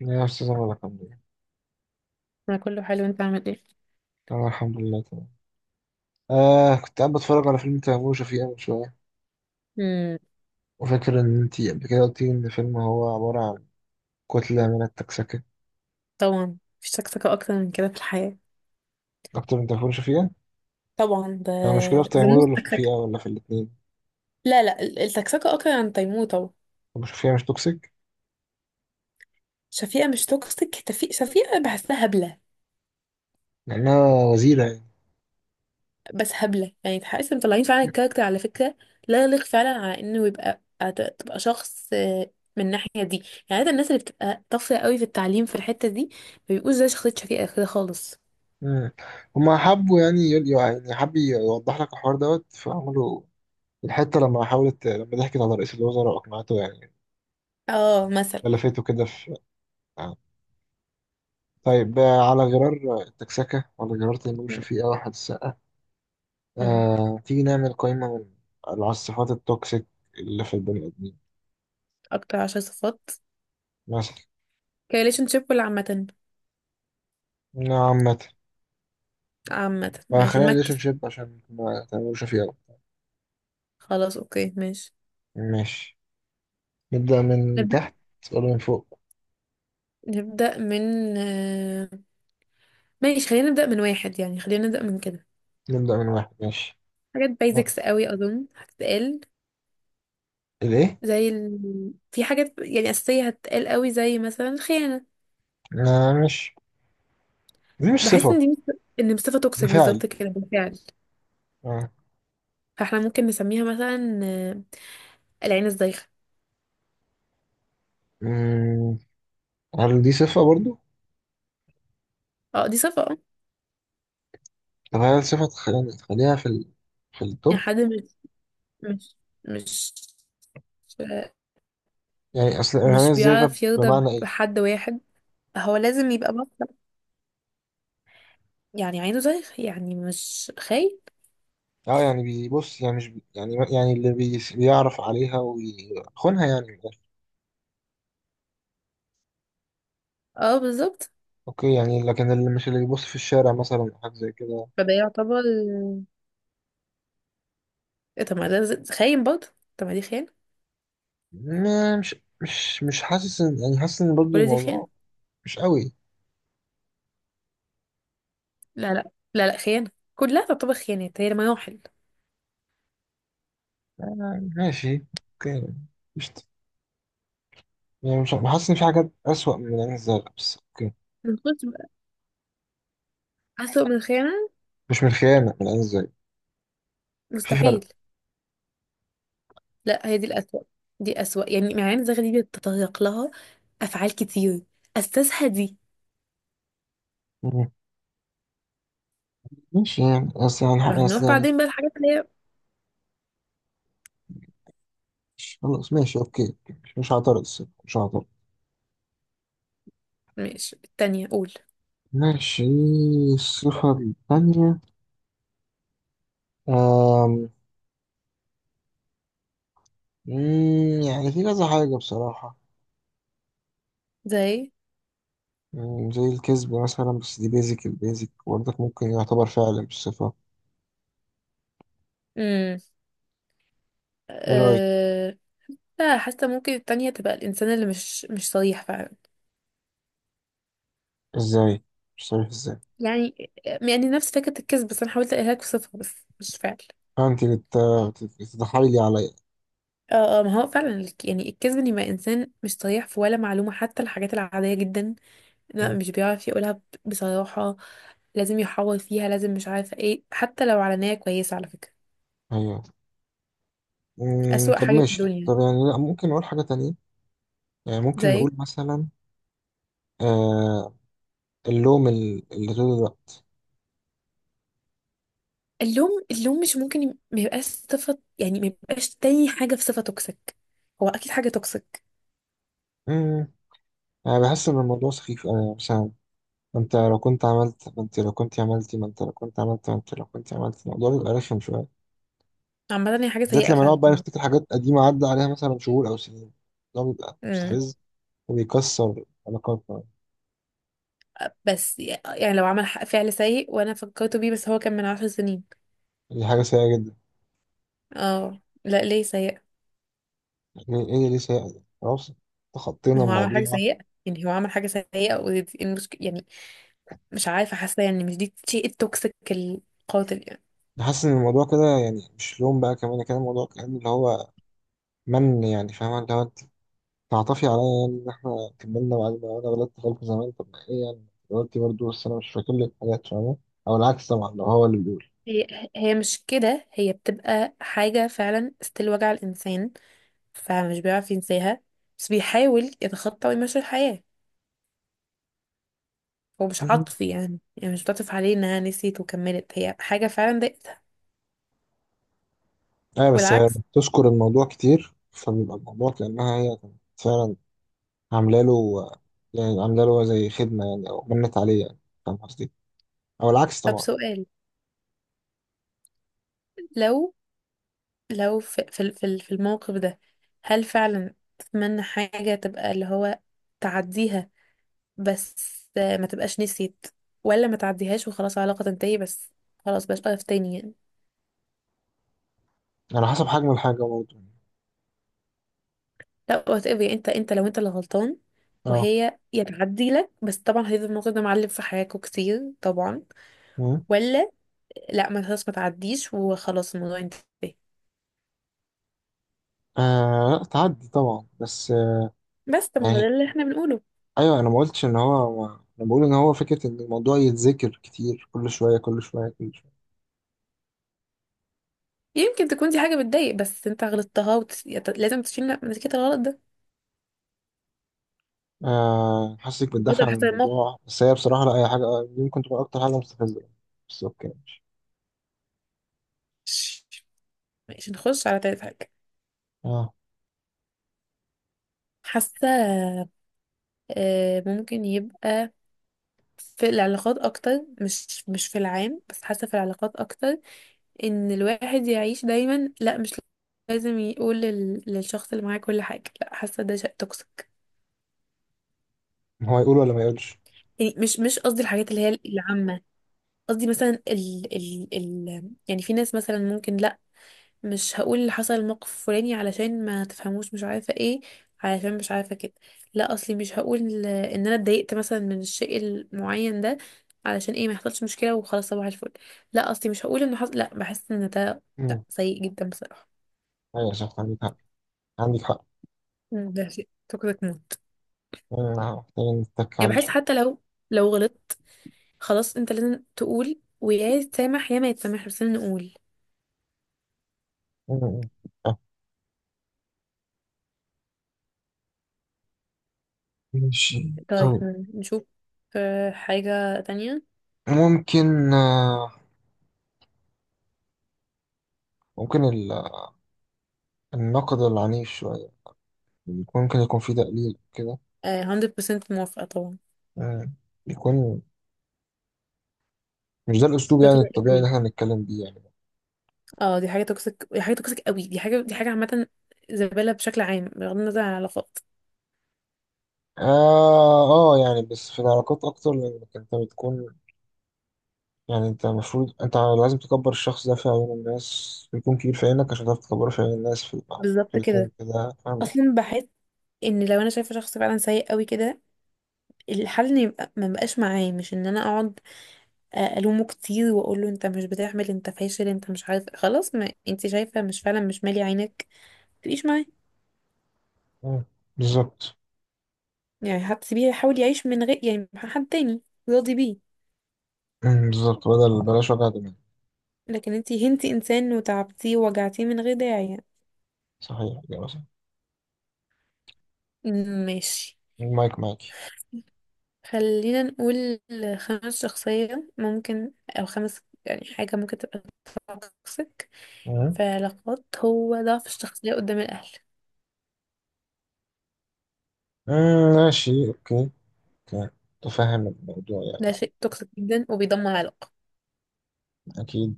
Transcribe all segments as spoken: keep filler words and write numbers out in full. يا أستاذ الله، الحمد لله. انا كله حلو، انت عامل ايه؟ أنا الحمد لله تمام. آه، كنت قاعد بتفرج على فيلم تيمور وشفيقة من شوية، امم. وفاكر إن أنتي قبل كده قلتي إن الفيلم هو عبارة عن كتلة من التكسكة. طبعا مفيش سكسكه اكتر من كده في الحياه. أكتر من تيمور وشفيقة؟ طبعا ده المشكلة في تيمور زموس ولا في شفيقة سكسكه. ولا في الاتنين؟ لا لا، ال- السكسكه اكتر عن تيموتة. أبو شفيقة مش توكسيك شفيقه مش توكسيك. تفي... شفيقه بحسها هبله. لأنها وزيرة يعني. بس هبله، يعني تحس إن مطلعين فعلا الكاركتر على فكره، لا يليق فعلا على انه يبقى أت- تبقى شخص آه، من الناحيه دي. يعني عادة الناس اللي بتبقى طافره قوي في التعليم في الحته دي ما بيبقوش زي شخصيه شفيقه كده خالص. مم. هما حبوا يعني يقول، يعني حب يوضح لك الحوار دوت، فعملوا الحتة لما حاولت، لما ضحكت على رئيس الوزراء وأقنعته يعني اه، مثلا. بلفته كده في آه. طيب. آه، على غرار التكسكة وعلى غرار تيمور وشفيقة واحد، أمم. آه، تيجي نعمل قائمة من على الصفات التوكسيك اللي في البني آدمين. اكتر عشر صفات. مثلا كريليشن شيب ولا عامه؟ عامة. عامة آه، ماشي خلينا ريليشن نمكس. شيب عشان ما تعملوش فيه أوي. خلاص اوكي ماشي. ماشي، نبدأ من نبدأ. تحت ولا من فوق؟ نبدأ من آه، ماشي خلينا نبدأ من واحد، يعني خلينا نبدأ من كده. نبدأ من واحد، ماشي. حاجات آه، بايزكس قوي أظن هتتقال. الإيه؟ زي ال... في حاجات يعني أساسية هتتقال قوي زي مثلا الخيانة. آه، مش دي مش بحس صفة، ان دي مس- ان صفة ده توكسيك فعل. بالظبط كده بالفعل. آه. فاحنا ممكن نسميها مثلا آه، العين الزايغة. مم، هل دي صفة برضو؟ اه دي صفة اه. طب هل صفة تخ- يعني تخليها في ال... في يعني التوب؟ حد مش مش مش يعني أصل إرهاق مش إزاي غب بيعرف يرضى بمعنى إيه؟ بحد واحد. هو لازم يبقى بطل. يعني عينه زي، يعني مش خاين. اه يعني بيبص، يعني مش بي يعني يعني اللي بي بيعرف عليها ويخونها يعني من الآخر. اه بالظبط. اوكي، يعني لكن اللي مش اللي بيبص في الشارع مثلا أو حاجة زي كده، فده يعتبر إيه. طب ما ده ز- خاين برضه. طب ما دي خيانة. ما- مش مش مش حاسس ان يعني حاسس ان برضه كل دي خيانة. الموضوع مش قوي. لا لا لا لا، خيانة. كلها تعتبر خيانات، هي المراحل. آه، ماشي اوكي. مش يعني مش حاسس ان في حاجات اسوأ من العين الزرقاء، بس اوكي. نخش بقى. أسوأ من الخيانة؟ مش من الخيانة، من العين الزرقاء، في مستحيل. فرق. لا هي دي الأسوأ. دي أسوأ، يعني مع عين زغ دي بيتطرق لها أفعال كتير أساسها دي. مم. ماشي يعني بس يعني بس فهنروح يعني بعدين بقى الحاجات اللي هي. مش- خلاص ماشي اوكي. مش مش هعترض الصراحة، مش هعترض. ماشي التانية قول. ماشي، الصفة الثانية. آم، مم، يعني في كذا حاجة بصراحة. زي. مم، زي الكذب مثلا، بس دي بيزك، البيزك برضك ممكن يعتبر فعلا بالصفة. امم. ايه رأيك؟ أه... لا حاسة ممكن التانية تبقى الإنسان اللي مش مش صريح فعلا. ازاي؟ مش عارف ازاي. يعني، يعني نفس فكرة الكذب بس أنا حاولت أقولها لك بصفة بس مش فعل. انت بت- بت- بتتحايلي عليا. اه اه، ما هو فعلا الك- يعني الكذب، ان يبقى انسان مش صريح في ولا معلومه، حتى الحاجات العاديه جدا لا مم، مش بيعرف يقولها ب- بصراحه. لازم يحور فيها، لازم مش عارفه ايه، حتى لو علانيه كويسه على فكره. ايوه. مم، اسوأ طب حاجه في ماشي، الدنيا. طب يعني لا ممكن نقول حاجة تانية، يعني ممكن زي نقول مثلا آه اللوم، ال- اللي طول الوقت. اللوم. اللوم مش ممكن يب- ما يبقاش صفه، يعني ما يبقاش تاني حاجه في صفه توكسيك. هو اكيد حاجه توكسيك. مم، انا بحس ان الموضوع سخيف أوي، يعني مثلا ما انت لو كنت عملت ما انت لو كنت عملتي ما انت لو كنت عملت ما انت لو كنت عملت الموضوع بيبقى رخم شوية. عامه هي حاجه بالذات سيئه لما نقعد فعلا. بقى نفتكر حاجات قديمة عدى عليها مثلا شهور أو سنين، ده بيبقى مستفز وبيكسر علاقاتنا. بس يعني لو عمل ح- فعل سيء وانا فكرت بيه، بس هو كان من عشر سنين. دي حاجة سيئة جدا. اه لا ليه سيء. يعني إيه اللي ليه سيئة دي؟ خلاص، ما تخطينا هو عمل حاجة الموضوع. سيئة. يعني هو عمل حاجة سيئة ودي المشكلة يعني. مش عارفة، حاسة يعني مش دي شيء التوكسيك القاتل يعني. حاسس إن الموضوع كده يعني مش لوم بقى كمان، كان الموضوع كان اللي هو من يعني، فاهمة، اللي هو أنت تعطفي عليا يعني إن إحنا كملنا، وبعدين أنا غلطت غلطة زمان، طب ما إيه يعني؟ غلطتي برضه، بس أنا مش فاكر لك حاجات، فاهمة؟ أو العكس طبعا لو هو اللي بيقول. هي هي مش كده، هي بتبقى حاجة فعلا ستيل وجع الإنسان، فمش بيعرف ينساها، بس بيحاول يتخطى ويمشي الحياة. هو مش مم. عاطفي، يعني يعني مش بتعطف عليه إنها نسيت وكملت، هي حاجة فعلا ضايقتها. أيوة، بس هي والعكس. بتذكر الموضوع كتير، فبيبقى الموضوع كأنها هي كانت فعلا عامله له، يعني عامله له زي خدمه يعني، او منت عليه يعني، فاهم قصدي؟ او العكس طب طبعا. سؤال. لو لو في في ال- في ال- في الموقف ده، هل فعلا تتمنى حاجة تبقى اللي هو تعديها بس آه، ما تبقاش نسيت، ولا ما تعديهاش وخلاص العلاقة تنتهي بس؟ خلاص بلاش واقف تاني يعني. يعني على حسب حجم الحاجه برضه. لا وات ايفر. انت انت لو انت اللي غلطان اه. وهي يا تعدي لك، بس طبعا هيفضل الموضوع ده معلم في حياتكوا كتير طبعا. مم. ولا لا، ما خلاص ما تعديش وخلاص الموضوع انتهى. آه لا، تعدي طبعا، بس آه بس طب ما هو يعني ده اللي احنا بنقوله. ايوه، انا ما قلتش ان هو، انا بقول ان هو فكره ان الموضوع يتذكر كتير، كل شويه كل شويه كل شويه. يمكن تكون دي حاجة بتضايق بس انت غلطتها وت... يعني لازم تشيل نتيجة الغلط ده. آه، حاسسك بتدافع بدل عن حسب الموقف. الموضوع، بس هي بصراحه لا، اي حاجه آه، دي ممكن تكون اكتر حاجه مستفزه. بس اوكي، ماشي. ماشي نخش على تالت حاجة. اه. حاسة آه، ممكن يبقى في العلاقات أكتر، مش مش في العام، بس حاسة في العلاقات أكتر. إن الواحد يعيش دايما لأ، مش لازم يقول لل- للشخص اللي معاه كل حاجة، لأ حاسة ده شيء توكسيك. هو يقول ولا ما يقولش؟ يعني مش مش قصدي الحاجات اللي هي العامة. قصدي مثلا ال ال ال يعني في ناس مثلا ممكن مش هقول اللي حصل الموقف الفلاني علشان ما تفهموش مش عارفه ايه، علشان مش عارفه كده. لا اصلي مش هقول ان انا اتضايقت مثلا من الشيء المعين ده علشان ايه ما يحصلش مشكله وخلاص صباح الفل. لا اصلي مش هقول ان حصل، لا بحس ان ده، لا مم. سيء جدا بصراحه. ايوه صح، عندك حق، عندك حق. مم، ده شيء توكسيك موت. مم، آه، محتاجين نتك يعني عليه بحس شويه. حتى لو، لو غلطت، خلاص انت لازم تقول، ويا يتسامح يا ما يتسامح، بس لازم نقول. مم. مم. ماشي طيب طيب. مم، نشوف آه، حاجه تانية. ممكن آه، ممكن ال- النقد العنيف شوية، يكون- ممكن يكون فيه تقليل كده. آه، مية بالمية موافقه طبعا. آه، يكون مش ده الأسلوب يعني totally الطبيعي agree. اللي احنا بنتكلم بيه يعني. اه دي حاجة توكسيك، دي حاجة توكسيك قوي، دي حاجة، دي حاجة عامة. زبالة بشكل عام بغض النظر عن العلاقات. آه آه يعني بس في العلاقات أكتر، لأنك أنت بتكون، يعني أنت المفروض أنت لازم تكبر الشخص ده في عيون الناس ويكون كبير في عينك عشان تعرف تكبره في عيون الناس في في بالظبط الاتنين كده. كده، فاهم؟ اصلا بحس ان لو انا شايفة شخص فعلا سيء قوي كده، الحل ان يبقى ما بقاش معاه، مش ان انا اقعد الومه كتير واقول له انت مش بتعمل، انت فاشل، انت مش عارف، خلاص ما انت شايفة مش، فعلا مش مالي عينك تعيش معاه. آه، بالظبط. يعني حد سيبيه يحاول يعيش من غير، يعني مع حد تاني راضي بيه. مم، بالظبط، بدل بلاش وجع دماغ. لكن انت هنتي انسان، وتعبتيه ووجعتيه من غير داعي يعني. صحيح، إجابة صح. ماشي. المايك معاكي. خلينا نقول خمس شخصية ممكن، أو خمس يعني حاجة ممكن تبقى توكسيك في علاقات، هو ضعف الشخصية قدام الأهل. مم، ماشي اوكي. اوكي، تفهم الموضوع ده يعني. شيء توكسيك جدا وبيدمر علاقة. اكيد،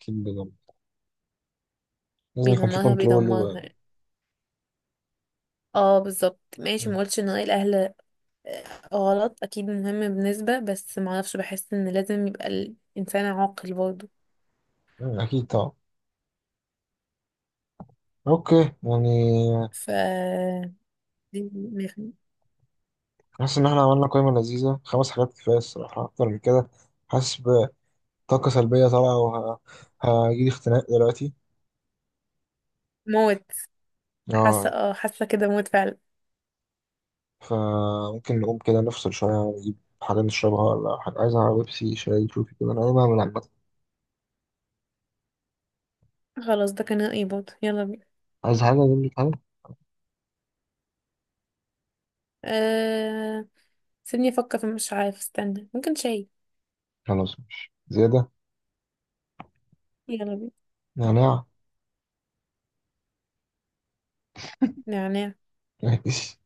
اكيد بجد. لازم يكون في بيدمرها كنترول بيدمرها و يعني. اه بالظبط ماشي. مم. مقولش ان رأي الأهل آه، غلط، أكيد مهم بنسبة، بس معرفش بحس ان لازم يبقى الإنسان عاقل برضه. مم، اكيد طبعا. اوكي. يعني ف حاسس ان احنا عملنا قائمة لذيذة، خمس حاجات كفاية الصراحة، اكتر من كده حاسس بطاقة سلبية طالعة وهجيلي اختناق دلوقتي. موت. حاسة اه. اه، حاسة كده موت فعلا. فممكن نقوم كده نفصل شوية ونجيب حاجة نشربها. ولا حاجة عايزها؟ بيبسي، شاي، شوفي كده انا ايه بعمل عامة. خلاص ده كان رأيي برضه، يلا بينا. عايز حاجة اجيب لك حاجة. أه... سيبني افكر في، مش عارف، استنى، ممكن شاي. خلاص ماشي زيادة. يلا بينا. نعناع. نعناع. ماشي.